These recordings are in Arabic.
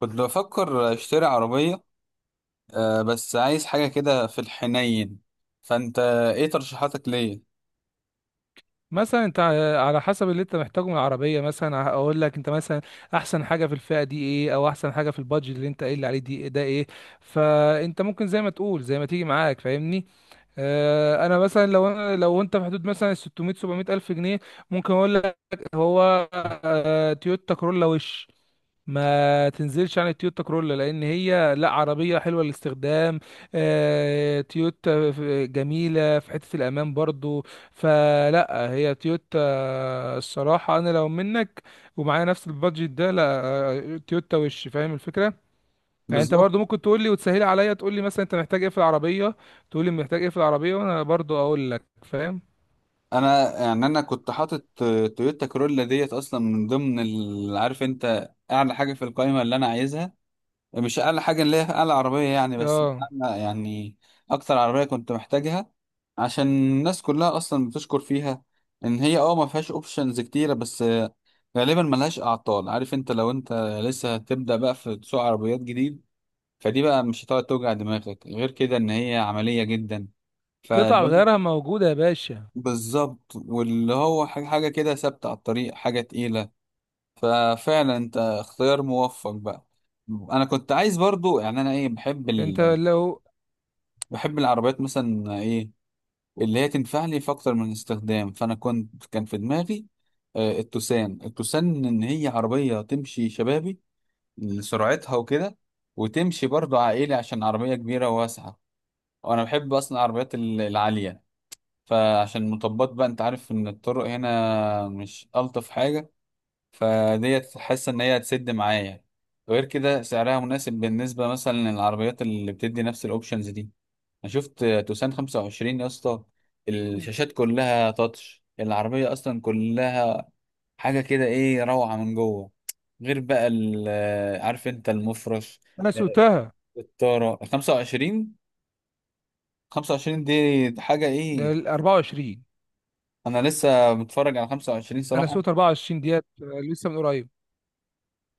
كنت بفكر اشتري عربية. بس عايز حاجة كده في الحنين. فانت، ايه ترشيحاتك ليا؟ مثلا انت على حسب اللي انت محتاجه من العربيه مثلا اقول لك انت مثلا احسن حاجه في الفئه دي ايه، او احسن حاجه في البادجت اللي انت قايل لي عليه دي ده ايه. فانت ممكن زي ما تقول، زي ما تيجي معاك، فاهمني. اه انا مثلا لو انت في حدود مثلا 600 700 الف جنيه ممكن اقول لك. هو اه تويوتا كورولا وش، ما تنزلش عن التويوتا كرولا، لان هي لا عربيه حلوه للاستخدام. تويوتا جميله في حته الامان برضو. فلا هي تويوتا، الصراحه انا لو منك ومعايا نفس البادجت ده، لا تويوتا وش، فاهم الفكره. يعني انت بالظبط. برضو ممكن تقول لي وتسهلي عليا، تقول لي مثلا انت محتاج ايه في العربيه، تقول لي محتاج ايه في العربيه وانا برضو اقول لك، فاهم. انا يعني انا كنت حاطط تويوتا كرولا ديت اصلا من ضمن عارف انت اعلى حاجة في القائمة اللي انا عايزها، مش اقل حاجه اللي هي اقل عربيه يعني، بس اه، أنا يعني اكتر عربيه كنت محتاجها. عشان الناس كلها اصلا بتشكر فيها ان هي، ما فيهاش اوبشنز كتيره، بس غالبا ملهاش اعطال. عارف انت؟ لو انت لسه هتبدا بقى في سوق عربيات جديد، فدي بقى مش هتقعد توجع دماغك، غير كده ان هي عمليه جدا. قطع فلو... غيارها موجوده يا باشا. بالظبط، واللي هو حاجة كده ثابته على الطريق، حاجه تقيله. ففعلا انت اختيار موفق بقى. انا كنت عايز برضو، يعني انا ايه، بحب انت ال لو. بحب العربيات مثلا، ايه اللي هي تنفع لي في اكتر من استخدام. فانا كان في دماغي التوسان. ان هي عربية تمشي شبابي لسرعتها وكده، وتمشي برضو عائلي عشان عربية كبيرة وواسعة. وانا بحب اصلا العربيات العالية، فعشان المطبات بقى، انت عارف ان الطرق هنا مش الطف حاجة. فديت حاسة ان هي هتسد معايا. غير كده سعرها مناسب بالنسبة مثلا للعربيات اللي بتدي نفس الاوبشنز دي. انا شفت توسان 25 يا اسطى، الشاشات كلها تاتش، العربيه اصلا كلها حاجه كده ايه، روعه من جوه. غير بقى عارف انت المفرش، انا سوتها الطاره. 25، 25 دي حاجه ايه. ال 24. انا لسه متفرج على 25 انا صراحه. سويت 24 ديت لسه من قريب.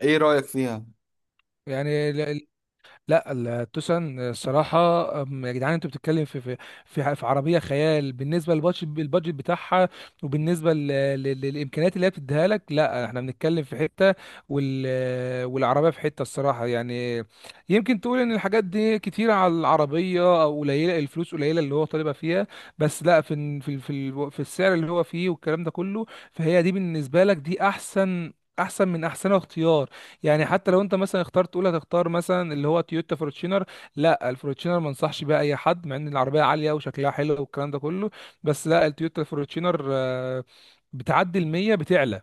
ايه رايك فيها؟ يعني لا، التوسان الصراحه. يا جدعان انتوا بتتكلم في في عربيه خيال بالنسبه للبادجت، البادجت بتاعها، وبالنسبه للامكانيات اللي هي بتديها لك. لا احنا بنتكلم في حته، والعربيه في حته الصراحه يعني. يمكن تقول ان الحاجات دي كتيره على العربيه، او قليله الفلوس قليله اللي هو طالبها فيها، بس لا في السعر اللي هو فيه والكلام ده كله. فهي دي بالنسبه لك دي احسن، احسن من احسن اختيار. يعني حتى لو انت مثلا اخترت، تقول هتختار مثلا اللي هو تويوتا فورتشينر، لا الفورتشينر ما انصحش بيها اي حد، مع ان العربيه عاليه وشكلها حلو والكلام ده كله، بس لا، التويوتا فورتشينر بتعدي ال 100 بتعلى،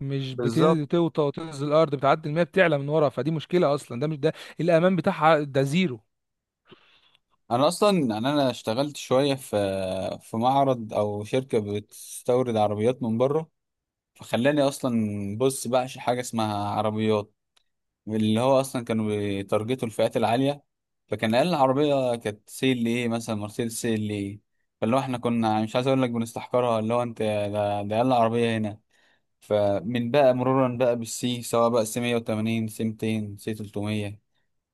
مش بالظبط. بتنزل توطى وتنزل الارض، بتعدي ال 100 بتعلى من ورا، فدي مشكله اصلا. ده مش ده الامان بتاعها ده زيرو. انا اصلا يعني انا اشتغلت شويه في في معرض او شركه بتستورد عربيات من بره، فخلاني اصلا، بص، بعشق حاجه اسمها عربيات. اللي هو اصلا كانوا بيتارجتوا الفئات العاليه، فكان اقل عربيه كانت سي ال ايه، مثلا مرسيدس سي ال ايه. فاللي هو احنا كنا مش عايز اقول لك بنستحقرها، اللي هو انت ده اقل عربيه هنا. فمن بقى مرورا بقى بالسي، سواء بقى سي 180 سي 200 سي 300،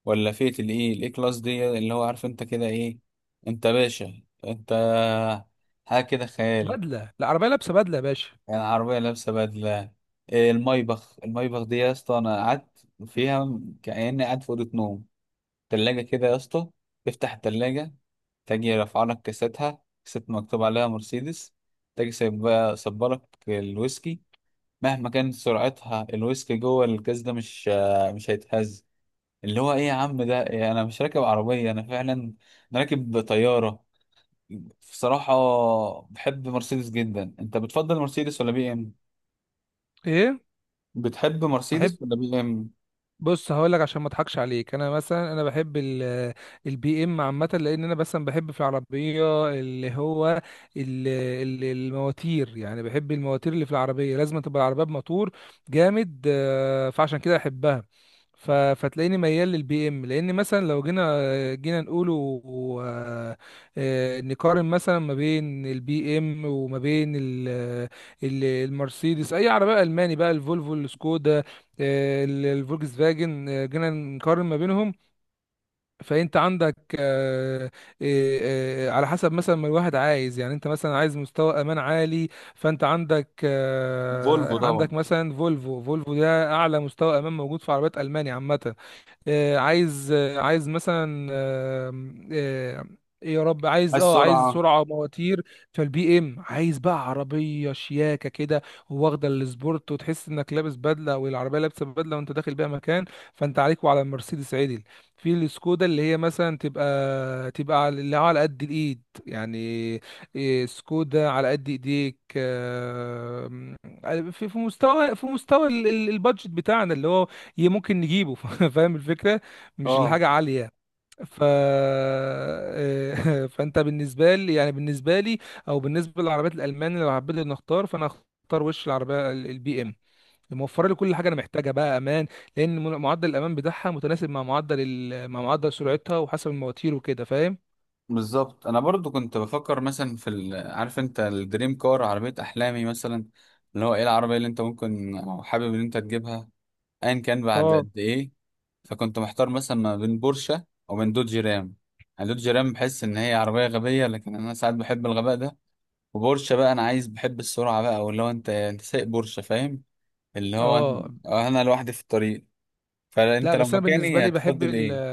ولا فئه الايه، الاي كلاس دي، اللي هو عارف انت كده ايه، انت باشا انت، حاجه كده خيال. بدله، العربيه لابسه بدله يا باشا. يعني عربيه لابسه بدله. إيه المايبخ دي يا اسطى! انا قعدت فيها كأني قاعد في اوضه نوم. تلاجة كده يا اسطى، افتح التلاجة تجي رافعة لك كاستها، كاسات مكتوب عليها مرسيدس. تجي سايبة صبلك الويسكي، مهما كانت سرعتها الويسكي جوه الكاس ده مش هيتهز. اللي هو ايه يا عم، ده إيه! انا مش راكب عربية، انا فعلا انا راكب طيارة. بصراحة بحب مرسيدس جدا. انت بتفضل مرسيدس ولا بي ام؟ ايه؟ بتحب احب. مرسيدس ولا بي ام؟ بص هقول لك عشان ما اضحكش عليك، انا مثلا انا بحب البي ام عامه، لان انا مثلا بحب في العربيه اللي هو المواتير، يعني بحب المواتير اللي في العربيه، لازم تبقى العربيه بموتور جامد فعشان كده احبها. فتلاقيني ميال للبي ام، لان مثلا لو جينا نقوله، آه، نقارن مثلا ما بين البي ام وما بين ال- المرسيدس، اي عربيه الماني بقى، الفولفو، السكودا، الفولكس فاجن، جينا نقارن ما بينهم. فانت عندك، على حسب مثلا ما الواحد عايز. يعني انت مثلا عايز مستوى امان عالي، فانت عندك فولفو طبعا. عندك مثلا فولفو، فولفو ده اعلى مستوى امان موجود في عربيات المانيا عامه. عايز مثلا، آم، آه، ايه يا رب، عايز عايز اه عايز سرعة. سرعه مواتير. فالبي ام، عايز بقى عربيه شياكه كده واخده السبورت، وتحس انك لابس بدله والعربيه لابسه بدله وانت داخل بيها مكان، فانت عليك وعلى المرسيدس عدل. في السكودا اللي هي مثلا تبقى تبقى اللي على قد الايد يعني. إيه، سكودا على قد ايديك. في في مستوى البادجت بتاعنا اللي هو ممكن نجيبه فاهم الفكرة، مش اه، الحاجة عالية. ف، فانت بالنسبة لي او بالنسبة للعربيات الالمان، اللي لو حبيت إني اختار فانا اختار وش، العربية البي ام موفرة لي كل حاجة انا محتاجها بقى، امان، لان معدل الامان بتاعها متناسب مع معدل ال... مع معدل سرعتها وحسب المواتير وكده، فاهم. بالظبط. انا برضو كنت بفكر مثلا في عارف انت الدريم كار، عربيه احلامي مثلا، اللي هو ايه العربيه اللي انت ممكن او حابب ان انت تجيبها ايا كان بعد اه. قد ايه. فكنت محتار مثلا ما بين بورشه او من دوج رام. يعني دوج رام بحس ان هي عربيه غبيه، لكن انا ساعات بحب الغباء ده. وبورشه بقى، انا عايز، بحب السرعه بقى، او اللي هو انت سايق بورشه فاهم، اللي هو اه. انا لوحدي في الطريق. لا فانت لو بس انا بالنسبة مكاني لي بحب هتفضل ال... ايه؟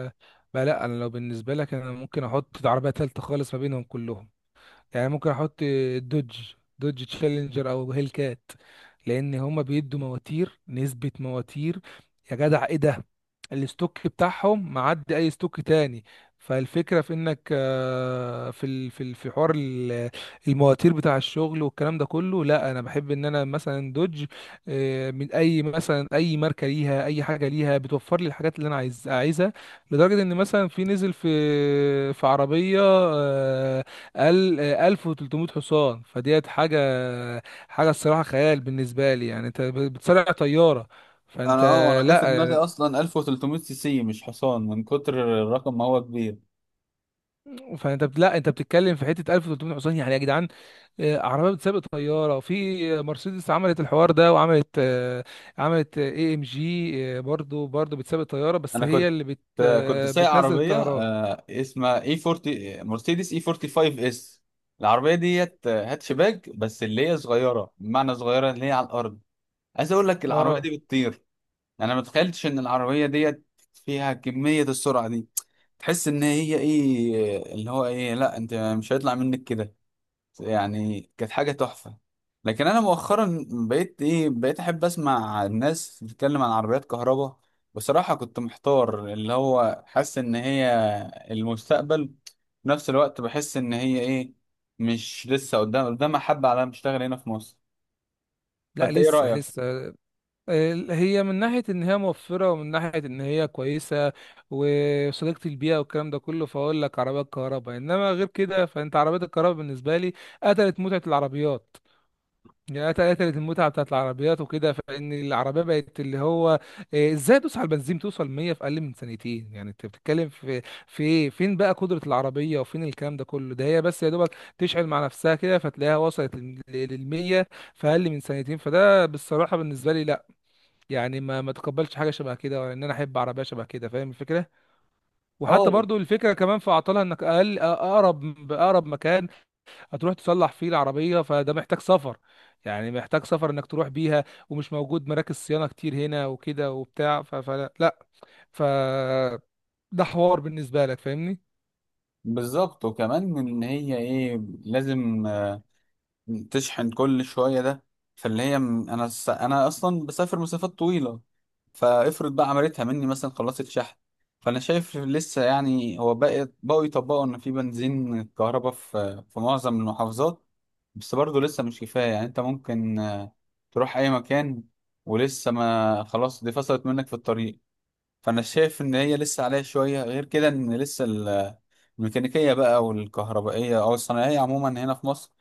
بقى لا، انا لو بالنسبة لك انا ممكن احط عربية تالتة خالص ما بينهم كلهم. يعني ممكن احط دوج، دوج تشالنجر او هيل كات، لان هما بيدوا مواتير، نسبة مواتير يا جدع ايه ده، الاستوك بتاعهم معدي اي استوك تاني. فالفكرة في انك في حوار المواتير بتاع الشغل والكلام ده كله. لا انا بحب ان انا مثلا دوج، من اي مثلا اي ماركة ليها، اي حاجة ليها بتوفر لي الحاجات اللي انا عايزها. لدرجة ان مثلا في نزل في في عربية 1300 حصان، فديت حاجة الصراحة خيال بالنسبة لي، يعني انت بتصارع طيارة. فانت، انا جه في دماغي لا اصلا 1300 سي سي مش حصان، من كتر الرقم ما هو كبير. فانت لا انت بتتكلم في حتة 1300 حصان يعني يا جدعان. عربية بتسابق طيارة. في مرسيدس عملت الحوار ده، وعملت عملت اي ام جي، برضو بتسابق طيارة، بس انا هي كنت اللي بت كنت آه، سايق بتنزل عربيه الطيارات. اسمها اي 40 مرسيدس، اي 45 اس. العربيه ديت هاتشباك، بس اللي هي صغيره، بمعنى صغيره اللي هي على الارض. عايز اقول لك العربيه اه. دي بتطير. انا ما تخيلتش ان العربيه ديت فيها كميه السرعه دي. تحس ان هي ايه اللي هو ايه، لا انت مش هيطلع منك كده. يعني كانت حاجة تحفة. لكن أنا مؤخرا بقيت إيه، بقيت أحب أسمع الناس بتتكلم عن عربيات كهرباء. بصراحة كنت محتار، اللي هو حاسس إن هي المستقبل، في نفس الوقت بحس إن هي إيه، مش لسه قدامها حبة على ما تشتغل هنا في مصر. لا فأنت إيه لسه، رأيك؟ لسه. هي من ناحية إن هي موفرة، ومن ناحية إن هي كويسة وصديقة البيئة والكلام ده كله، فأقول لك عربيات كهرباء إنما، غير كده فأنت عربيات الكهرباء بالنسبة لي قتلت متعة العربيات. يعني قتلت المتعة بتاعت العربيات وكده، فإن العربية بقت اللي هو إيه، إزاي تدوس على البنزين توصل 100 في أقل من ثانيتين. يعني أنت بتتكلم في إيه؟ فين بقى قدرة العربية وفين الكلام ده كله؟ ده هي بس يا دوبك تشعل مع نفسها كده، فتلاقيها وصلت لل 100 في أقل من ثانيتين. فده بالصراحة بالنسبة لي لا. يعني ما تقبلش حاجه شبه كده، ولا ان انا احب عربيه شبه كده، فاهم الفكره. وحتى اه، برضو الفكره كمان في اعطالها، انك اقرب باقرب مكان هتروح تصلح فيه العربيه، فده محتاج سفر. يعني محتاج سفر انك تروح بيها، ومش موجود مراكز صيانه كتير هنا وكده وبتاع. ف- فلا لا. ف، ده حوار بالنسبه لك، فاهمني. بالظبط. وكمان إن هي إيه، لازم تشحن كل شوية ده. فاللي هي انا اصلا بسافر مسافات طويلة. فافرض بقى عملتها مني، مثلا خلصت شحن. فانا شايف، لسه يعني، هو بقى بقوا يطبقوا ان في بنزين كهرباء في في معظم المحافظات، بس برضه لسه مش كفاية. يعني انت ممكن تروح اي مكان ولسه، ما خلاص دي فصلت منك في الطريق. فانا شايف ان هي لسه عليها شوية، غير كده ان لسه الميكانيكية بقى والكهربائية، أو الصناعية عموما هنا في مصر،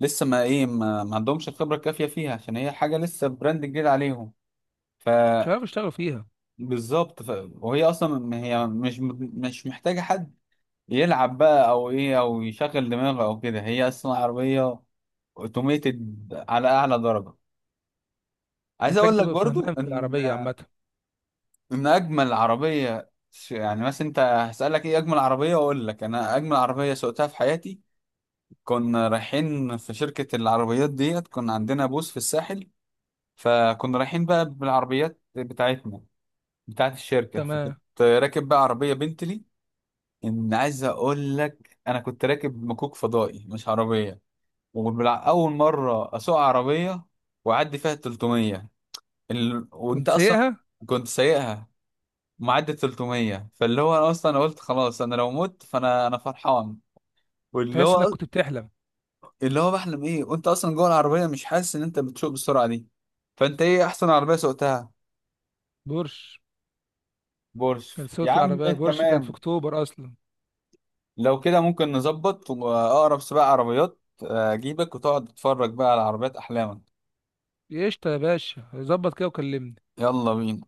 لسه ما إيه ما, ما عندهمش الخبرة الكافية فيها، عشان هي حاجة لسه براند جديد عليهم. مش عارف فبالظبط. اشتغل فيها. ف... وهي أصلا هي مش محتاجة حد يلعب بقى أو إيه، أو يشغل دماغه أو كده. هي أصلا عربية اوتوميتد على أعلى درجة. عايز محتاج أقول لك تبقى برضو فهمان في إن العربيه عامه. إن أجمل عربية يعني مثلا أنت هسألك إيه أجمل عربية، أقول لك أنا أجمل عربية سوقتها في حياتي. كنا رايحين في شركة العربيات ديت، كنا عندنا بوث في الساحل، فكنا رايحين بقى بالعربيات بتاعتنا، بتاعت الشركة. فكنت تمام. راكب بقى عربية بنتلي. إن عايز أقول لك أنا كنت راكب مكوك فضائي مش عربية. وأول مرة أسوق عربية وأعدي فيها 300، وأنت كنت أصلا سايقها. كنت سايقها، معدي 300. فاللي هو أنا أصلا قلت خلاص، أنا لو مت فأنا أنا فرحان. واللي تحس انك هو، كنت بتحلم. اللي هو بحلم ايه، وانت اصلا جوه العربيه مش حاسس ان انت بتسوق بالسرعه دي. فانت ايه احسن عربيه سوقتها؟ بورش. كان بورش. يا صوت عم العربيه بورش، كان في تمام، اكتوبر اصلا. لو كده ممكن نظبط واقرب سباق عربيات اجيبك وتقعد تتفرج بقى على عربيات احلامك. قشطة يا باشا، ظبط كده وكلمني. يلا بينا.